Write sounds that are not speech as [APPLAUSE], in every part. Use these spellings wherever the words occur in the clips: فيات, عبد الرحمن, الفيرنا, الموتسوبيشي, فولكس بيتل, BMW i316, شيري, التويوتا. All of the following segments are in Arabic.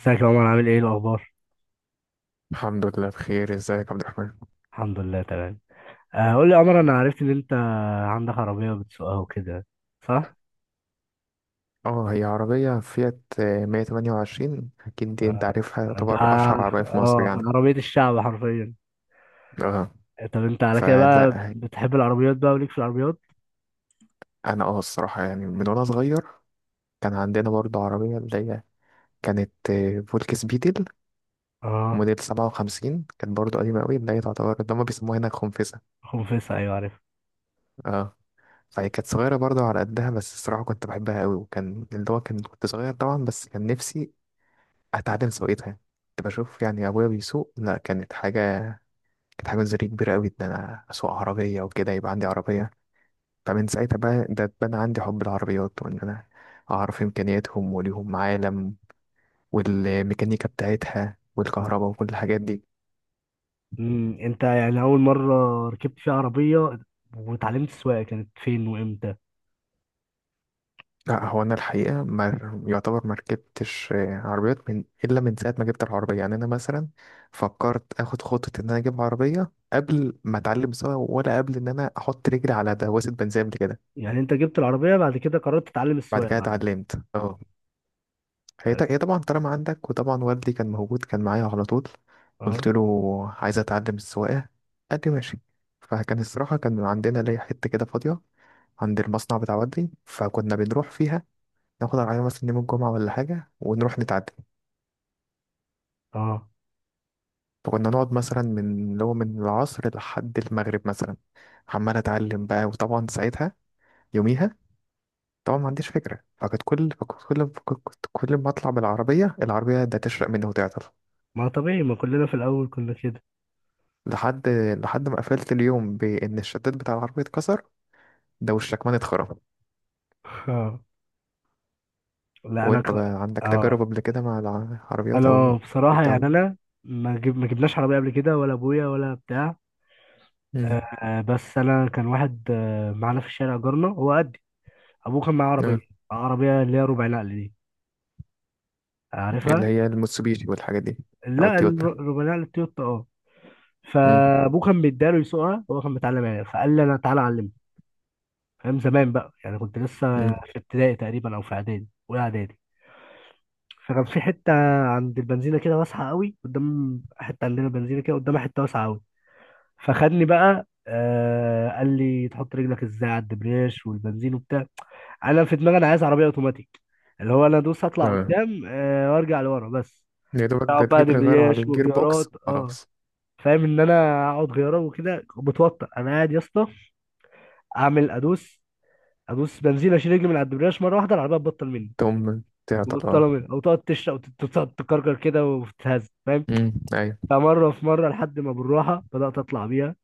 ازيك يا عمر؟ عامل ايه؟ إيه الاخبار؟ الحمد لله بخير. ازيك يا عبد الرحمن؟ الحمد لله تمام. قول لي يا عمر، انا عرفت ان انت عندك عربيه بتسوقها وكده، صح؟ اه، هي عربية فيات، 128. اكيد دي انت آه. عارفها، ده تعتبر اشهر عربية في مصر اه يعني. عربيه الشعب حرفيا. اه. طب انت على كده فلا، بقى بتحب العربيات بقى وليك في العربيات؟ انا الصراحة يعني من وانا صغير كان عندنا برضه عربية اللي هي كانت، فولكس بيتل اه. موديل 57. كانت برضه قديمة قوي، اللي هي تعتبر اللي هما بيسموها هنا خنفسة. خنفسه، ايوه عارف. اه، فهي كانت صغيرة برضه على قدها، بس الصراحة كنت بحبها قوي. وكان اللي هو كان كنت صغير طبعا، بس كان نفسي اتعلم سواقتها. كنت بشوف يعني ابويا بيسوق. لا، كانت حاجة زري كبيرة قوي إن أنا أسوق عربية وكده يبقى عندي عربية. فمن ساعتها بقى، ده اتبنى عندي حب العربيات وإن أنا أعرف إمكانياتهم، وليهم عالم والميكانيكا بتاعتها اه. والكهرباء وكل الحاجات دي. انت يعني اول مره ركبت فيها عربيه وتعلمت السواقه كانت فين وامتى؟ لا، هو أنا الحقيقة ما يعتبر ما ركبتش عربيات من، إلا من ساعة ما جبت العربية. يعني أنا مثلا فكرت آخد خطة إن أنا أجيب عربية قبل ما أتعلم سواقة، ولا قبل إن أنا أحط رجلي على دواسة بنزين قبل كده. يعني انت جبت العربيه بعد كده قررت تتعلم بعد السواقه كده بعد؟ اتعلمت. اه. هي طبعا طالما عندك، وطبعا والدي كان موجود كان معايا على طول. اه. قلت له عايز اتعلم السواقه، قال لي ماشي. فكان الصراحه كان عندنا ليا حته كده فاضيه عند المصنع بتاع والدي، فكنا بنروح فيها ناخد العربيه مثلا يوم الجمعه ولا حاجه ونروح نتعلم. اه فكنا نقعد مثلا من اللي هو من العصر لحد المغرب مثلا، عمال اتعلم بقى. وطبعا ساعتها يوميها طبعا ما عنديش فكره، فكنت كل ما اطلع بالعربيه، ده تشرق مني وتعطل. ما طبيعي، ما كلنا في الاول كنا كده. لحد لحد ما قفلت اليوم، بإن الشداد بتاع العربية اتكسر ده، والشكمان اتخرم. [LAUGHS] لا وانت بقى عندك تجارب اه. قبل كده مع العربيات انا او بصراحه بتاع يعني العربيات؟ انا ما جب... ما جبناش عربيه قبل كده ولا ابويا ولا بتاع. امم. آه بس انا كان واحد معانا في الشارع، جارنا، هو قدي، ابوه كان معاه عربيه، آه. عربيه اللي هي ربع نقل دي، عارفها؟ اللي هي الموتسوبيشي والحاجات دي. او لا التويوتا. ربع نقل التويوتا اه. امم. فابوه كان بيداله يسوقها، هو كان متعلم يعني، فقال لي انا تعالى اعلمك. فاهم؟ زمان بقى يعني، كنت لسه امم. في ابتدائي تقريبا او في اعدادي، اولى اعدادي. فكان في حته عند البنزينه كده واسعه قوي، قدام حته عندنا بنزينه كده قدامها حته واسعه قوي. فخدني بقى، قال لي تحط رجلك ازاي على الدبرياش والبنزين وبتاع. انا في دماغي انا عايز عربيه اوتوماتيك، اللي هو انا ادوس اطلع اه. قدام وارجع لورا بس. يا دوبك اقعد ده بقى تجيب لي غير على دبرياش الجير بوكس وغيارات اه. خلاص. فاهم؟ ان انا اقعد غيارة وكده بتوتر، انا قاعد يا اسطى اعمل ادوس بنزين، اشيل رجلي من على الدبرياش مره واحده العربيه تبطل مني، تقوم تعطل. اه. مبطله مني، او تقعد تشرق وتقعد تكركر كده وتتهز. فاهم؟ امم، ايوه. فمره في مره لحد ما بالراحه بدات اطلع بيها،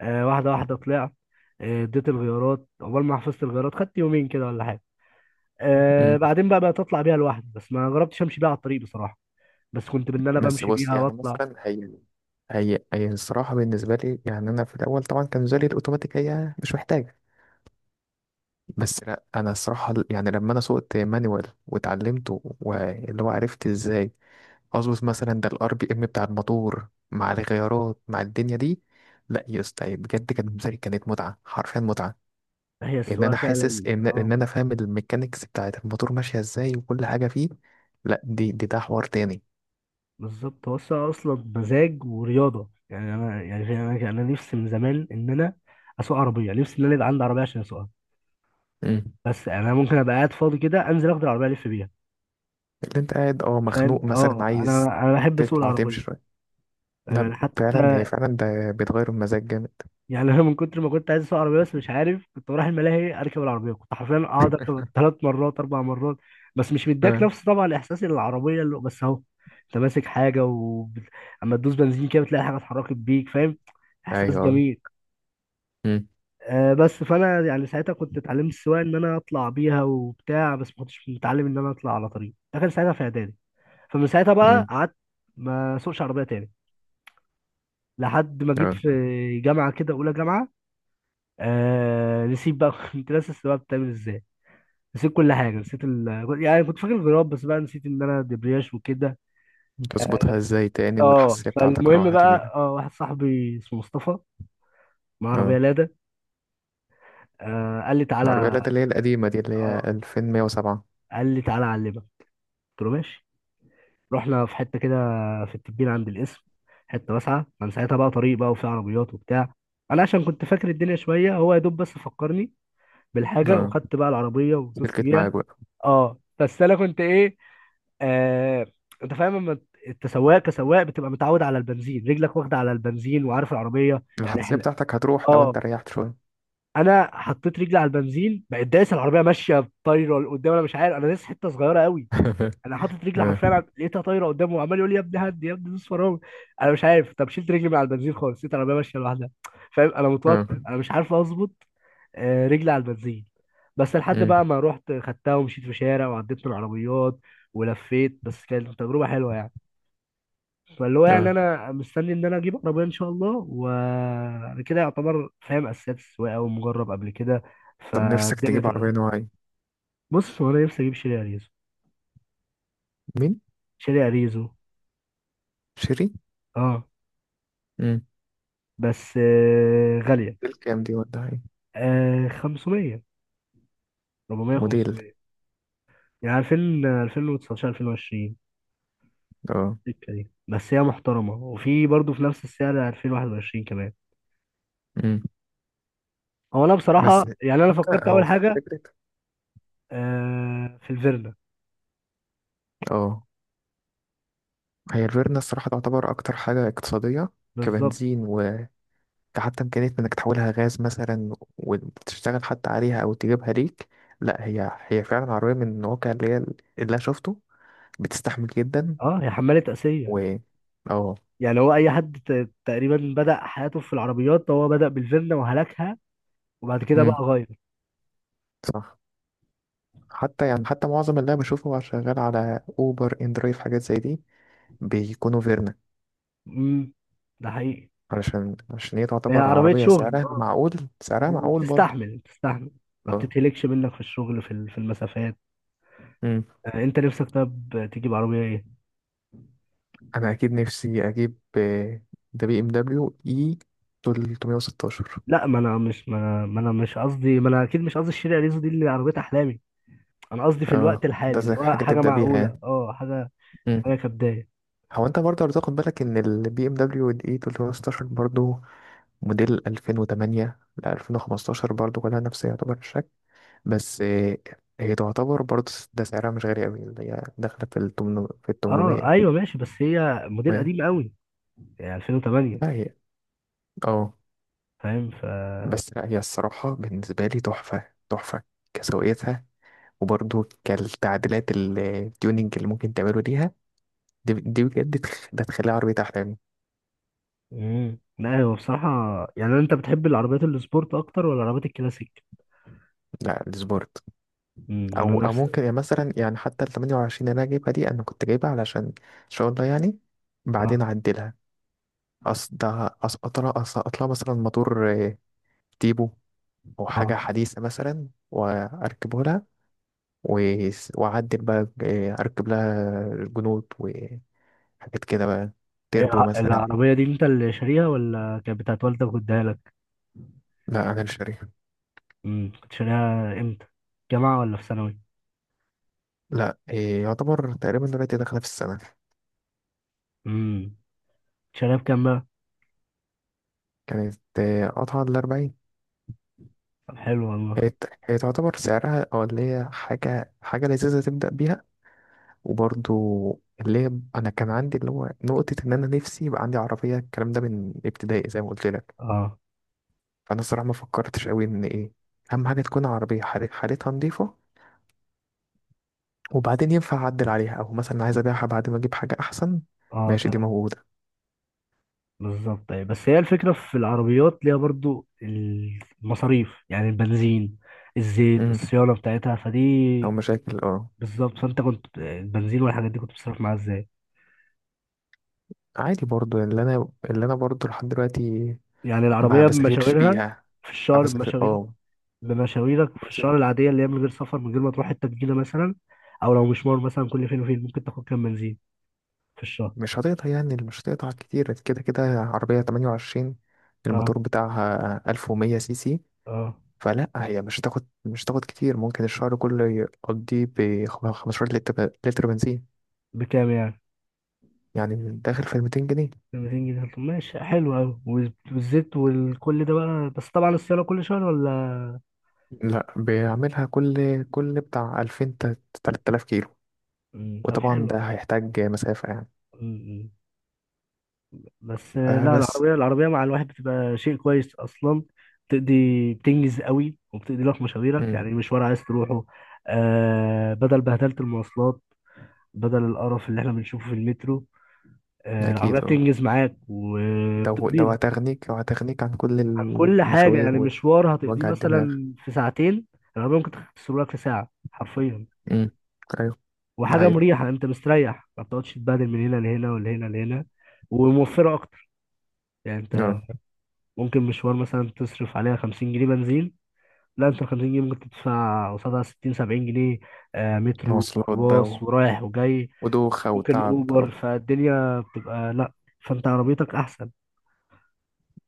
واحدة واحدة طلعت. اديت الغيارات عقبال ما حفظت الغيارات، خدت يومين كده ولا حاجة. امم. بعدين بقى بقيت اطلع بيها لوحدي، بس ما جربتش امشي بيها على الطريق بصراحة. بس كنت بان انا بس بمشي بص بيها يعني واطلع. مثلا، هي الصراحة بالنسبة لي. يعني أنا في الأول طبعا كان بالنسبة لي الأوتوماتيك، هي مش محتاجة. بس لا، انا الصراحه يعني لما انا سوقت مانوال واتعلمته، واللي هو عرفت ازاي اظبط مثلا ده الار بي ام بتاع الموتور مع الغيارات مع الدنيا دي. لا يا اسطى، بجد كانت مزاري، كانت متعه حرفيا، متعه. هي ان السواقة انا حاسس فعلا ان اه. انا فاهم الميكانيكس بتاعت الموتور ماشيه ازاي وكل حاجه فيه. لا، دي ده حوار تاني. بالظبط، هو السواقة اصلا مزاج ورياضة يعني، انا نفسي من زمان ان انا اسوق عربية، نفسي ان انا يبقى عندي عربية عشان اسوقها. مم. بس يعني انا ممكن ابقى قاعد فاضي كده انزل اخد العربية الف بيها. اللي انت قاعد فاهم؟ مخنوق مثلا، اه عايز انا بحب اسوق تطلع تمشي العربية. شويه. يعني لا فعلا، هي حتى فعلا ده بتغير المزاج جامد. يعني انا من كتر ما كنت عايز اسوق عربيه بس مش عارف كنت بروح الملاهي اركب العربيه، كنت حرفيا اقعد اركب ثلاث مرات اربع مرات. بس مش مديك اه. نفس طبعا الاحساس اللي العربيه اللي بس اهو انت ماسك اما تدوس بنزين كده بتلاقي حاجه اتحركت بيك. فاهم؟ احساس ايوه. جميل. آه بس فانا يعني ساعتها كنت اتعلمت السواقه ان انا اطلع بيها وبتاع، بس ما كنتش متعلم ان انا اطلع على طريق، ده كان ساعتها في اعدادي. فمن ساعتها بقى امم. قعدت ما اسوقش عربيه تاني لحد ما جيت في جامعه كده، اولى جامعه. نسيت بقى. [LAUGHS] كنت ناسي السواقه بتعمل ازاي. نسيت كل حاجه، يعني كنت فاكر الغراب بس بقى نسيت ان انا دبرياش وكده. تظبطها ازاي تاني اه والحساسية بتاعتك فالمهم راحت بقى، وكده. اه واحد صاحبي اسمه مصطفى معاه عربيه اه. لادا، قال لي العربية، تعالى. اللي هي القديمة دي، اللي هي اه 2107. قال لي تعالى اعلمك، قلت له ماشي. رحنا في حته كده في التبين عند القسم، حته واسعه. كان ساعتها بقى طريق بقى وفي عربيات وبتاع. انا عشان كنت فاكر الدنيا شويه، هو يا دوب بس فكرني بالحاجه، اه، وخدت بقى العربيه ودوست سلكت بيها. معاك بقى. اه بس انا كنت ايه، آه انت فاهم لما انت سواق، كسواق بتبقى متعود على البنزين، رجلك واخده على البنزين وعارف العربيه يعني، الحساسية احنا بتاعتك هتروح لو اه. انت ريحت شوية. انا حطيت رجلي على البنزين بقت دايس، العربيه ماشيه طايره لقدام، انا مش عارف انا دايس، حته صغيره قوي [LAUGHS] انا حاطط رجلي اه. حرفيا على- لقيتها طايره قدامه، وعمال يقول لي يا ابني هدي يا ابني دوس فرامل. انا مش عارف، طب شلت رجلي من على البنزين خالص لقيت العربيه ماشيه لوحدها. فاهم؟ انا اه. متوتر، انا مش عارف اظبط رجلي على البنزين. بس لحد أمم. بقى ما رحت خدتها ومشيت في شارع وعديت من العربيات ولفيت. بس كانت تجربه حلوه يعني. فاللي هو يعني اه، انا مستني ان انا اجيب عربيه ان شاء الله، وانا كده يعتبر فاهم اساسيات السواقه ومجرب قبل كده، طب نفسك فالدنيا تجيب تبقى عربية سهله. نوع ايه؟ بص هو انا نفسي اجيب شيري اريزو. مين؟ شيري اريزو شيري؟ اه. امم. بس غاليه. موديل كام دي ولا ايه؟ 500، 400 موديل. 500، يعني 2000 2019 2020 اه. السكه دي. بس هي محترمه، وفي برضه في نفس السعر 2021 كمان. امم. هو انا بصراحه بس يعني هو انا انت فكرت هو اول حاجه فكرة. في الفيرنا. اه، هي الفيرنا الصراحة تعتبر أكتر حاجة اقتصادية بالظبط. كبنزين، حتى إمكانية إنك تحولها غاز مثلا وتشتغل حتى عليها أو تجيبها ليك. لا، هي فعلا عربية من الواقع اللي هي اللي أنا شفته، بتستحمل جدا. اه هي حماله اسيه. و. اه. يعني هو اي حد تقريبا بدأ حياته في العربيات هو بدأ بالفيلا وهلكها، وبعد كده امم. بقى غير. صح. حتى يعني حتى معظم اللي أنا بشوفه شغال على أوبر إندرايف حاجات زي دي، بيكونوا فيرنا. امم ده حقيقي. علشان عشان هي هي تعتبر عربية عربية شغل سعرها معقول. سعرها معقول برضه. وبتستحمل بتستحمل. ما اه. بتتهلكش منك في الشغل، في المسافات. امم. انت نفسك طب تجيب عربية ايه؟ أنا أكيد نفسي أجيب ده بي إم دبليو إي 316. لا ما انا مش قصدي، ما انا اكيد مش قصدي الشريعة ريزو دي اللي عربية احلامي. انا قصدي في الوقت اه، ده الحالي زي اللي هو حاجة حاجة تبدأ بيها يعني. معقولة، اه حاجة، مم. حاجة كبداية. هو انت برضه لو تاخد بالك، ان البي ام دبليو الاي 316 برضه موديل 2008 ل 2015، برضه كلها نفس يعتبر الشكل. بس هي تعتبر برضه، ده سعرها مش غالي قوي، اللي هي داخلة في ال 800 في ال اه 800 ايوه ماشي، بس هي موديل وهي- قديم قوي، يعني 2008. لا هي. اه فاهم ف بس لا هي الصراحة بالنسبة لي تحفة تحفة، كسوقيتها وبرضه كالتعديلات، التيوننج اللي ممكن تعمله ليها. دي بجد ده تخليها عربية أحلامي. امم. لا هو بصراحة يعني انت بتحب العربيات السبورت اكتر ولا العربيات الكلاسيك؟ لا، السبورت. انا او نفس، ممكن يعني مثلا يعني حتى ال 28 اللي انا جايبها دي، انا كنت جايبها علشان ان شاء الله يعني بعدين اه اعدلها. اصل ده اسقط لها مثلا موتور، تيبو او حاجه اه. حديثه مثلا واركبه لها. واعدل بقى، اركب لها الجنود وحاجات كده بقى، ايه تيربو مثلا. العربية دي انت اللي شاريها ولا كانت بتاعت والدك واداها لك؟ لا، انا مش شاريها. كنت شاريها امتى؟ جامعة ولا في ثانوي؟ لا، يعتبر تقريبا دلوقتي داخله في السنه. امم شاريها بكام بقى؟ كانت قطعه ال 40. طب حلو هي والله. هي تعتبر سعرها، او اللي هي حاجه حاجه لذيذه تبدا بيها. وبرضو اللي هي انا كان عندي اللي هو نقطة ان انا نفسي يبقى عندي عربية، الكلام ده من ابتدائي زي ما قلت لك. اه فانا الصراحة ما فكرتش قوي ان ايه، اهم حاجة تكون عربية حالتها نظيفة، وبعدين ينفع اعدل عليها، او مثلا عايز ابيعها بعد ما اجيب حاجة احسن. اه. ماشي، دي طب موجودة. بالظبط ايه، بس هي الفكرة في العربيات ليها برضو المصاريف يعني، البنزين الزيت امم. الصيانة بتاعتها او فدي. مشاكل. اه. بالظبط، فانت كنت البنزين والحاجات دي كنت بتصرف معاها ازاي؟ عادي برضو اللي انا برضو لحد دلوقتي يعني ما العربية بسافرش بمشاويرها بيها. في ما الشهر، بسافر. بمشاوير، اه. بمشاويرك في الشهر العادية اللي هي من غير سفر، من غير ما تروح حتة جديدة مثلا، أو لو مشوار مثلا كل فين وفين، ممكن تاخد كام بنزين في الشهر؟ مش هتقطع يعني مش هتقطع كتير كده كده، عربية 28 اه الموتور بتاعها 1100 سي سي. اه. فلا هي مش هتاخد كتير، ممكن الشهر كله يقضيه ب 15 لتر بنزين، بكام يعني؟ يعني من داخل في 200 جنيه. ب 200 جنيه؟ طب ماشي حلو أوي. والزيت والكل ده بقى، بس طبعا الصيانة كل شهر ولا؟ لا، بيعملها كل بتاع 2000 3000 كيلو. مم، طب وطبعا ده حلو. هيحتاج مسافة يعني. مم، بس آه. لا بس. العربية، العربية مع الواحد بتبقى شيء كويس أصلا، بتقضي، بتنجز قوي وبتقضي لك مشاويرك، امم. يعني مشوار عايز تروحه. بدل بهدلة المواصلات، بدل القرف اللي احنا بنشوفه في المترو. العربية أكيد اه. بتنجز معاك ده هو- وبتقضي ده لك هتغنيك عن كل عن كل حاجة. المشاوير يعني مشوار هتقضيه ووجع الدماغ. مثلا في ساعتين، العربية ممكن تختصر لك في ساعة حرفيا. امم. أيوه. ده وحاجة حقيقي. مريحة، انت مستريح، ما بتقعدش تتبهدل من هنا لهنا ولهنا لهنا. وموفرة أكتر، يعني انت اه. ممكن مشوار مثلا تصرف عليها 50 جنيه بنزين. لا انت 50 جنيه ممكن تدفع قصادها 60 70 جنيه، مترو مواصلات بقى، وخلاص، ورايح وجاي، ودوخة ممكن وتعب اوبر، أه. فالدنيا بتبقى لا، فانت عربيتك احسن.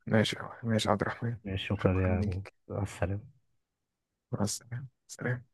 ماشي. ماشي يا عبد الرحمن. ماشي، شكرا شكرا يا ابو. ليك. مع السلامه. مع السلامة. سلام.